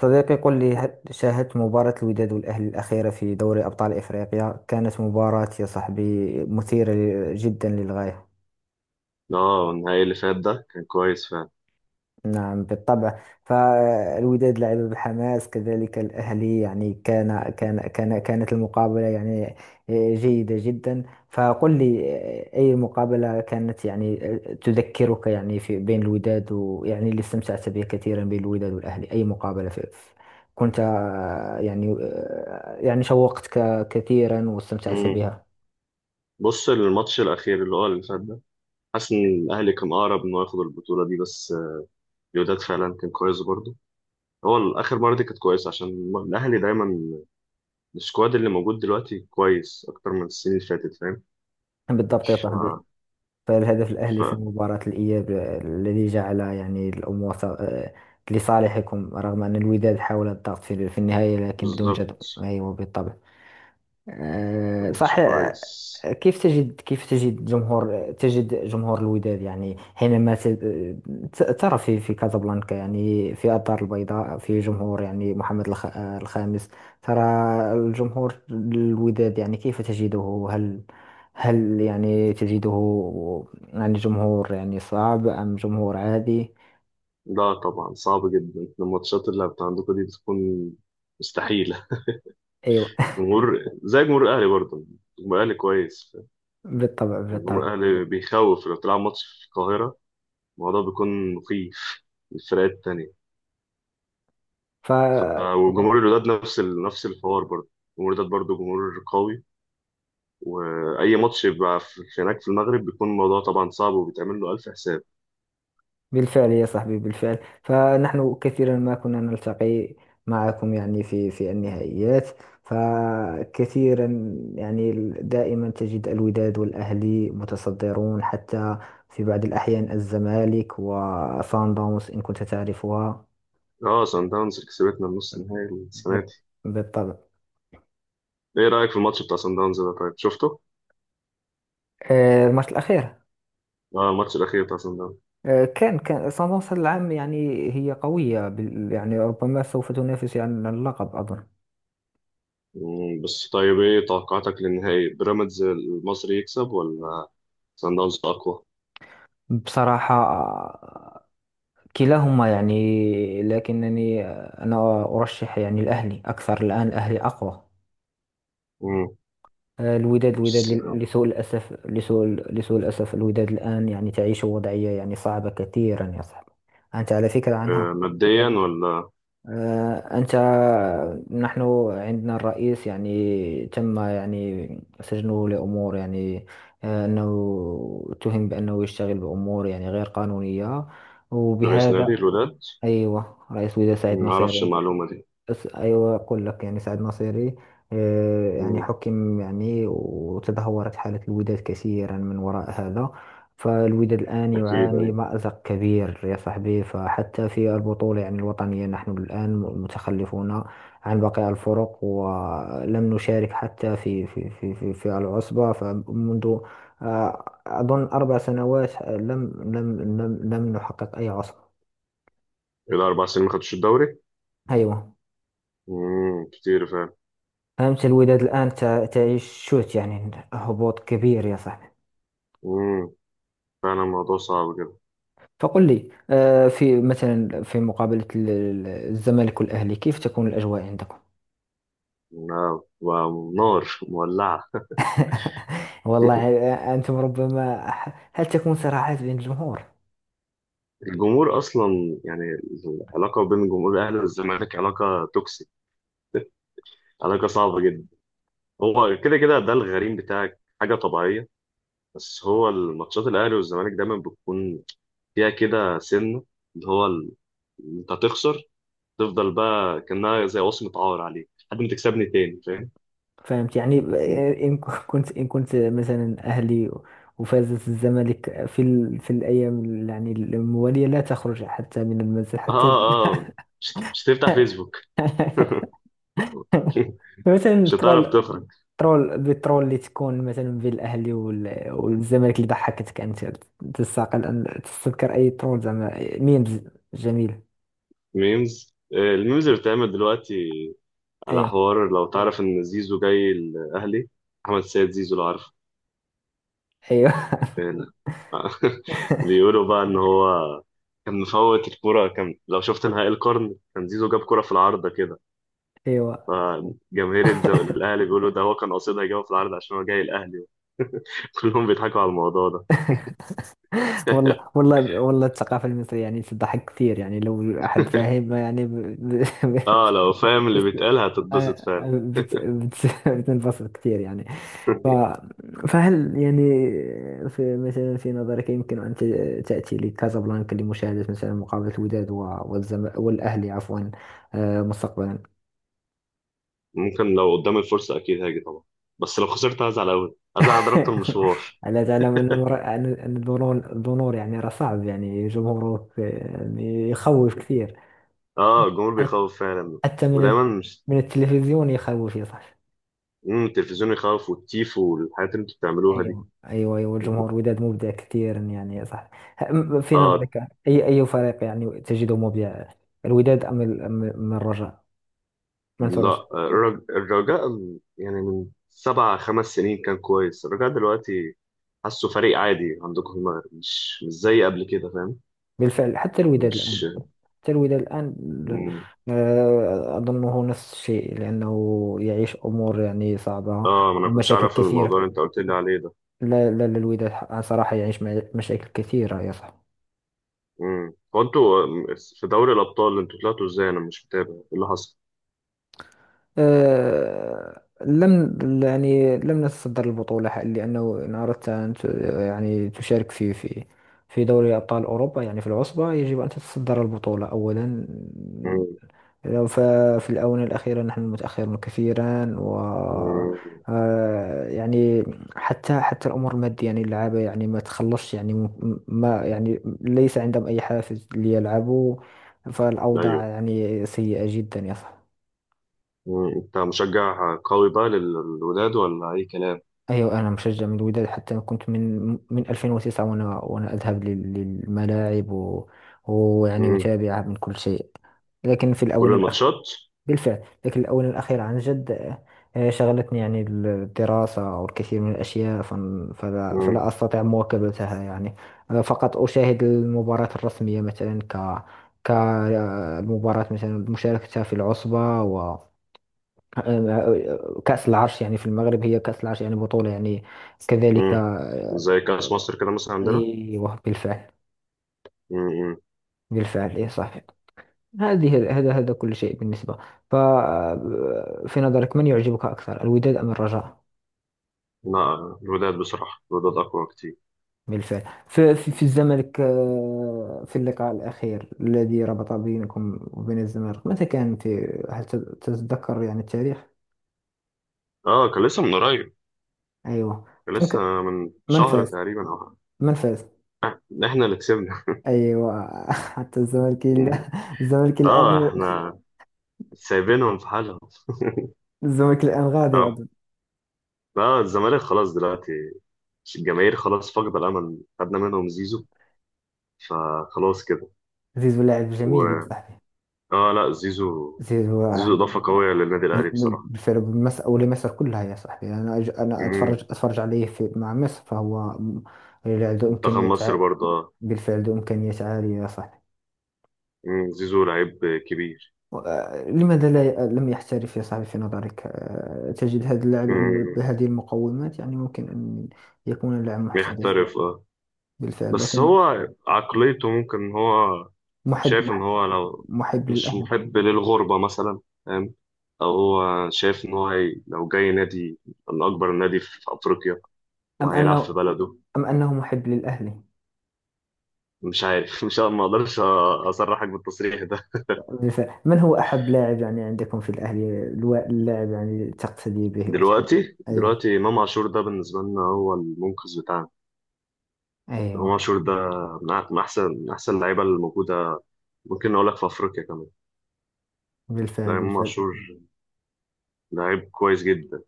صديقي قل لي، هل شاهدت مباراة الوداد والأهلي الأخيرة في دوري أبطال إفريقيا؟ كانت مباراة يا صاحبي مثيرة جدا للغاية. اه، النهائي اللي فات ده كان كويس فعلا. نعم بالطبع. فالوداد لعب بحماس، كذلك الأهلي، يعني كانت المقابلة جيدة جدا. فقل لي، أي مقابلة كانت يعني تذكرك يعني في بين الوداد، ويعني اللي استمتعت به كثيرا بين الوداد والأهلي؟ أي مقابلة كنت يعني شوقتك كثيرا واستمتعت امم بها؟ بص، الماتش الاخير اللي هو اللي فات ده، حاسس ان الاهلي كان اقرب انه ياخد البطوله دي، بس الوداد فعلا كان كويس برضه. هو الاخر مره دي كانت كويسه عشان الاهلي دايما السكواد اللي موجود دلوقتي كويس اكتر من السنين اللي فاتت، فاهم؟ بالضبط يا ف... صاحبي. فالهدف الأهلي في ف... مباراة الإياب الذي جعل يعني الأمور لصالحكم، رغم أن الوداد حاول الضغط في النهاية لكن بدون جدوى. بالظبط، أيوة بالطبع. ماتش صح كويس. كيف تجد جمهور الوداد يعني حينما ترى في كازابلانكا، يعني في الدار البيضاء، في جمهور يعني محمد الخامس ترى الجمهور الوداد يعني كيف تجده؟ هل يعني تجده يعني جمهور يعني صعب أم جمهور عادي؟ لا طبعا، صعب جدا، الماتشات اللي بتاع عندكم دي بتكون مستحيلة. أيوة جمهور زي جمهور الأهلي برضه، جمهور الأهلي كويس. بالطبع. يعني جمهور الأهلي بيخوف، لو تلعب ماتش في القاهرة الموضوع بيكون مخيف للفرقات التانية. بالطبع وجمهور الوداد نفس الحوار برضه. جمهور الوداد برضه جمهور قوي. وأي ماتش يبقى في هناك في المغرب بيكون الموضوع طبعا صعب وبيتعمل له ألف حساب. بالفعل يا صاحبي، بالفعل. فنحن كثيرا ما كنا نلتقي معكم يعني في النهائيات، فكثيرا يعني دائما تجد الوداد والأهلي متصدرون، حتى في بعض الأحيان الزمالك وصن داونز، إن كنت تعرفها. اه، سان داونز اللي كسبتنا النص النهائي السنة بال- دي. بالطبع. ايه رأيك في الماتش بتاع سان داونز ده؟ طيب، شفته؟ الماتش الأخير، اه، الماتش الأخير بتاع سان داونز. كان صن داونز هذا العام يعني هي قوية يعني ربما سوف تنافس يعني على اللقب أظن. بس طيب، ايه توقعاتك للنهائي؟ بيراميدز المصري يكسب ولا سان داونز أقوى؟ بصراحة، كلاهما يعني، لكنني أنا أرشح يعني الأهلي أكثر. الآن الأهلي أقوى. مم. الوداد بس لسوء الأسف، لسوء الأسف الوداد الآن يعني تعيش وضعية يعني صعبة كثيرا يا صاحبي. أنت على فكرة عنها؟ ماديا ولا؟ أنت، نحن عندنا الرئيس يعني تم يعني سجنه لأمور يعني أنه اتهم بأنه يشتغل بأمور يعني غير قانونية، رئيس وبهذا. نادي الوداد؟ أيوة، رئيس وزراء سعيد ما اعرفش نصيري. المعلومه دي. أيوة أقول لك، يعني سعد ناصيري يعني مم، حكم، يعني وتدهورت حالة الوداد كثيرا من وراء هذا. فالوداد الآن اكيد، يعاني ايوه. مأزق كبير يا صاحبي، فحتى في البطولة يعني الوطنية نحن الآن متخلفون عن باقي الفرق، ولم نشارك حتى في العصبة، فمنذ أظن أربع سنوات لم نحقق أي عصبة. الى 4 سنين ما خدتش الدوري. أيوة. كتير فعلا. أمس الوداد الآن تعيش شوط يعني هبوط كبير يا صاحبي. مم، فعلا الموضوع صعب كده. فقل لي في مثلا في مقابلة الزمالك والأهلي، كيف تكون الأجواء عندكم؟ نعم، ونار مولعه. والله. أنتم ربما هل تكون صراعات بين الجمهور؟ الجمهور اصلا يعني، العلاقه بين جمهور الاهلي والزمالك علاقه توكسيك، علاقه صعبه جدا. هو كده كده ده الغريم بتاعك، حاجه طبيعيه. بس هو الماتشات الاهلي والزمالك دايما بتكون فيها كده سنه، اللي هو ال- انت هتخسر، تفضل بقى كأنها زي وصمة عار عليك لحد ما تكسبني تاني، فاهم؟ فهمت يعني كنت إن كنت مثلا أهلي وفازت الزمالك في ال... في الأيام يعني الموالية، لا تخرج حتى من المنزل حتى اه، اه، مش هتفتح فيسبوك. مثلا مش هتعرف البرو تخرج. ترول بالترول اللي تكون مثلا بين الاهلي والزمالك، اللي ضحكتك انت تستقل ان تستذكر اي ترول زعما ميمز؟ جميل. ميمز، الميمز اللي بتعمل دلوقتي على ايوه حوار لو تعرف ان زيزو جاي الاهلي. احمد سيد زيزو، لو عارفه. ايوه آه، بيقولوا بقى ان هو كان مفوت الكرة، كان لو شفت نهائي القرن كان زيزو جاب كرة في العارضة كده. ايوه فجماهير الأهلي بيقولوا ده هو كان قاصدها يجيبها في العارضة عشان هو جاي الأهلي. كلهم بيضحكوا على الموضوع ده. والله والله والله، الثقافه المصريه يعني تضحك كثير يعني لو احد فاهم يعني ب... ب... اه، لو فاهم اللي بيتقال هتتبسط فعلا. بت... بت... بتنبسط كثير يعني. ف... فهل يعني في مثلا في نظرك يمكن أن تأتي لكازابلانكا لمشاهدة مثلا مقابلة الوداد و... والزم... والأهلي عفوا، مستقبلا؟ ممكن، لو قدام الفرصة أكيد هاجي طبعا. بس لو خسرت هزعل أوي، هزعل، أنا ضربت المشوار. ألا تعلم أن أن الدنور، الدنور يعني راه صعب يعني جمهورك يعني يخوف كثير، اه، الجمهور حت- بيخوف فعلا. حتى من ال... ودايما مش. من التلفزيون يخوف يا صاحبي. التلفزيون يخوف والتيف والحاجات اللي انتوا بتعملوها دي. ايوه ايوه ايوه، الجمهور وداد مبدع كثيرا يعني، صح؟ في اه، نظرك اي اي فريق يعني تجده مبدع، الوداد ام أم الرجاء؟ منصور الرجاء. لا الرجاء يعني من سبع، 5 سنين كان كويس، الرجاء دلوقتي حاسه فريق عادي عندكم في المغرب، مش زي قبل كده، فاهم؟ بالفعل. حتى الوداد مش. الان، حتى الوداد الان مم. اظنه نفس الشيء، لانه يعيش امور يعني صعبه اه، ما انا كنتش ومشاكل اعرف كثيره. الموضوع اللي انت قلت لي عليه ده. لا لا لا، الوداد صراحه يعيش مشاكل كثيره يا صاحبي. وانتوا في دوري الابطال انتوا طلعتوا ازاي؟ انا مش متابع ايه اللي حصل. لم يعني لم نتصدر البطولة، لأنه إن أردت أن يعني تشارك في في دوري أبطال أوروبا يعني في العصبة، يجب أن تتصدر البطولة أولا. امم لو ففي الآونة الأخيرة نحن متأخرون كثيرا، و امم يعني حتى الأمور المادية يعني، اللعابة يعني ما تخلصش يعني، ما يعني ليس عندهم أي حافز ليلعبوا. فالأوضاع ايوه يعني سيئة جدا يا صاحبي. امم انت مشجع قوي بقى للولاد ولا اي كلام؟ أيوة أنا مشجع من الوداد، حتى أنا كنت من 2009، وأنا أذهب للملاعب، ويعني امم أتابع من كل شيء. لكن في كل الآونة الأخيرة، الماتشات. بالفعل لكن الآونة الأخيرة عن جد، شغلتني يعني الدراسة والكثير من الأشياء، فلا, امم فلا أستطيع مواكبتها يعني. فقط أشاهد المباراة الرسمية، مثلا ك كالمباراة مثلا مشاركتها في العصبة آه، كأس العرش. يعني في المغرب هي كأس العرش يعني بطولة يعني كذلك امم زي كاس مصر كده مثلا عندنا. أيوه بالفعل. امم بالفعل إيه صحيح. هذه هذا كل شيء بالنسبة. ف في نظرك من يعجبك أكثر، الوداد أم الرجاء؟ لا، الولاد بصراحه، الولاد اقوى كتير. بالفعل. في الزمالك في اللقاء الأخير الذي ربط بينكم وبين الزمالك، متى كان؟ في هل تتذكر يعني التاريخ؟ اه، كان لسه من قريب، أيوه. كان كان لسه ك- من من شهر فاز؟ تقريبا او من فاز؟ حاجة. احنا اللي كسبنا. أيوه الزمالك اه، الآن، احنا سايبينهم في حالهم. الزمالك الآن غادي اه، أظن. لا الزمالك خلاص دلوقتي، مش الجماهير خلاص فاقدة الأمل، خدنا منهم زيزو فخلاص كده. زيزو لاعب جميل يا و صاحبي. لا، زيزو، زيزو زيزو يعني إضافة قوية للنادي الأهلي بصراحة. بالفعل بمصر، أو لمصر كلها يا صاحبي. أنا أتفرج مم. أتفرج عليه في مع مصر، فهو لاعب ذو منتخب إمكانيات مصر برضه. بالفعل ذو إمكانيات عالية يا صاحبي. مم. زيزو لعيب كبير. لماذا لا ي- لم يحترف يا صاحبي في نظرك؟ تجد هذا اللاعب يعني مم. بهذه المقومات، يعني ممكن أن يكون لاعب محترف. يحترف. بالفعل، بس لكن هو عقليته ممكن إن هو محب شايف إن محب هو لو محب مش للأهلي. محب للغربة مثلا، فاهم؟ أو هو شايف إن هو لو جاي نادي من أكبر نادي في أفريقيا أم وهيلعب في أنه، بلده. أم أنه محب للأهلي؟ مش عارف. مش، ما اقدرش اصرحك بالتصريح. بالفعل. من هو أحب لاعب يعني عندكم في الأهلي، اللاعب يعني تقتدي به وتحب؟ دلوقتي أيوه دلوقتي امام عاشور ده بالنسبه لنا هو المنقذ بتاعنا. امام أيوه. عاشور ده من احسن اللعيبه الموجوده. ممكن اقول لك في افريقيا كمان. ده بالفعل امام بالفعل. عاشور، لعيب كويس جدا.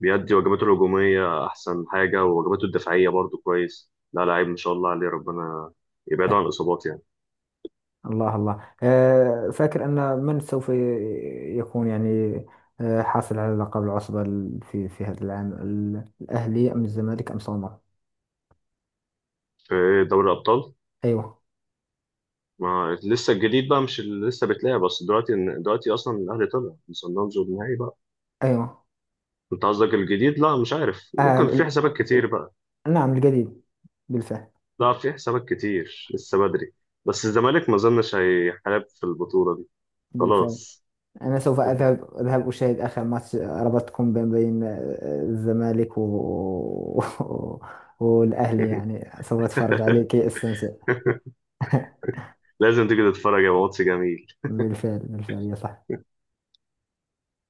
بيأدي واجباته الهجوميه احسن حاجه، وواجباته الدفاعيه برضو كويس، لا لعيب ان شاء الله عليه، ربنا يبعده عن الاصابات يعني. الله الله. فاكر أن من سوف يكون يعني حاصل على لقب العصبة في في هذا العام، الأهلي أم الزمالك أم سومر؟ في دوري الابطال، أيوه ما لسه الجديد بقى مش اللي لسه بتلاقي، بس دلوقتي اصلا الاهلي طلع من صن داونز والنهائي بقى. أيوه. انت قصدك الجديد؟ لا مش عارف، آه، ممكن في ال- حسابات كتير بقى. نعم القديم. بالفعل لا في حسابات كتير لسه بدري. بس الزمالك ما اظنش هيحارب في البطولة دي، بالفعل. خلاص. أنا سوف أذهب أشاهد آخر ماتش رباط كومبين بين الزمالك و... والأهلي، يعني سوف أتفرج عليه كي أستمتع لازم تيجي تتفرج، يا ماتش جميل. بالفعل بالفعل يا صاحبي.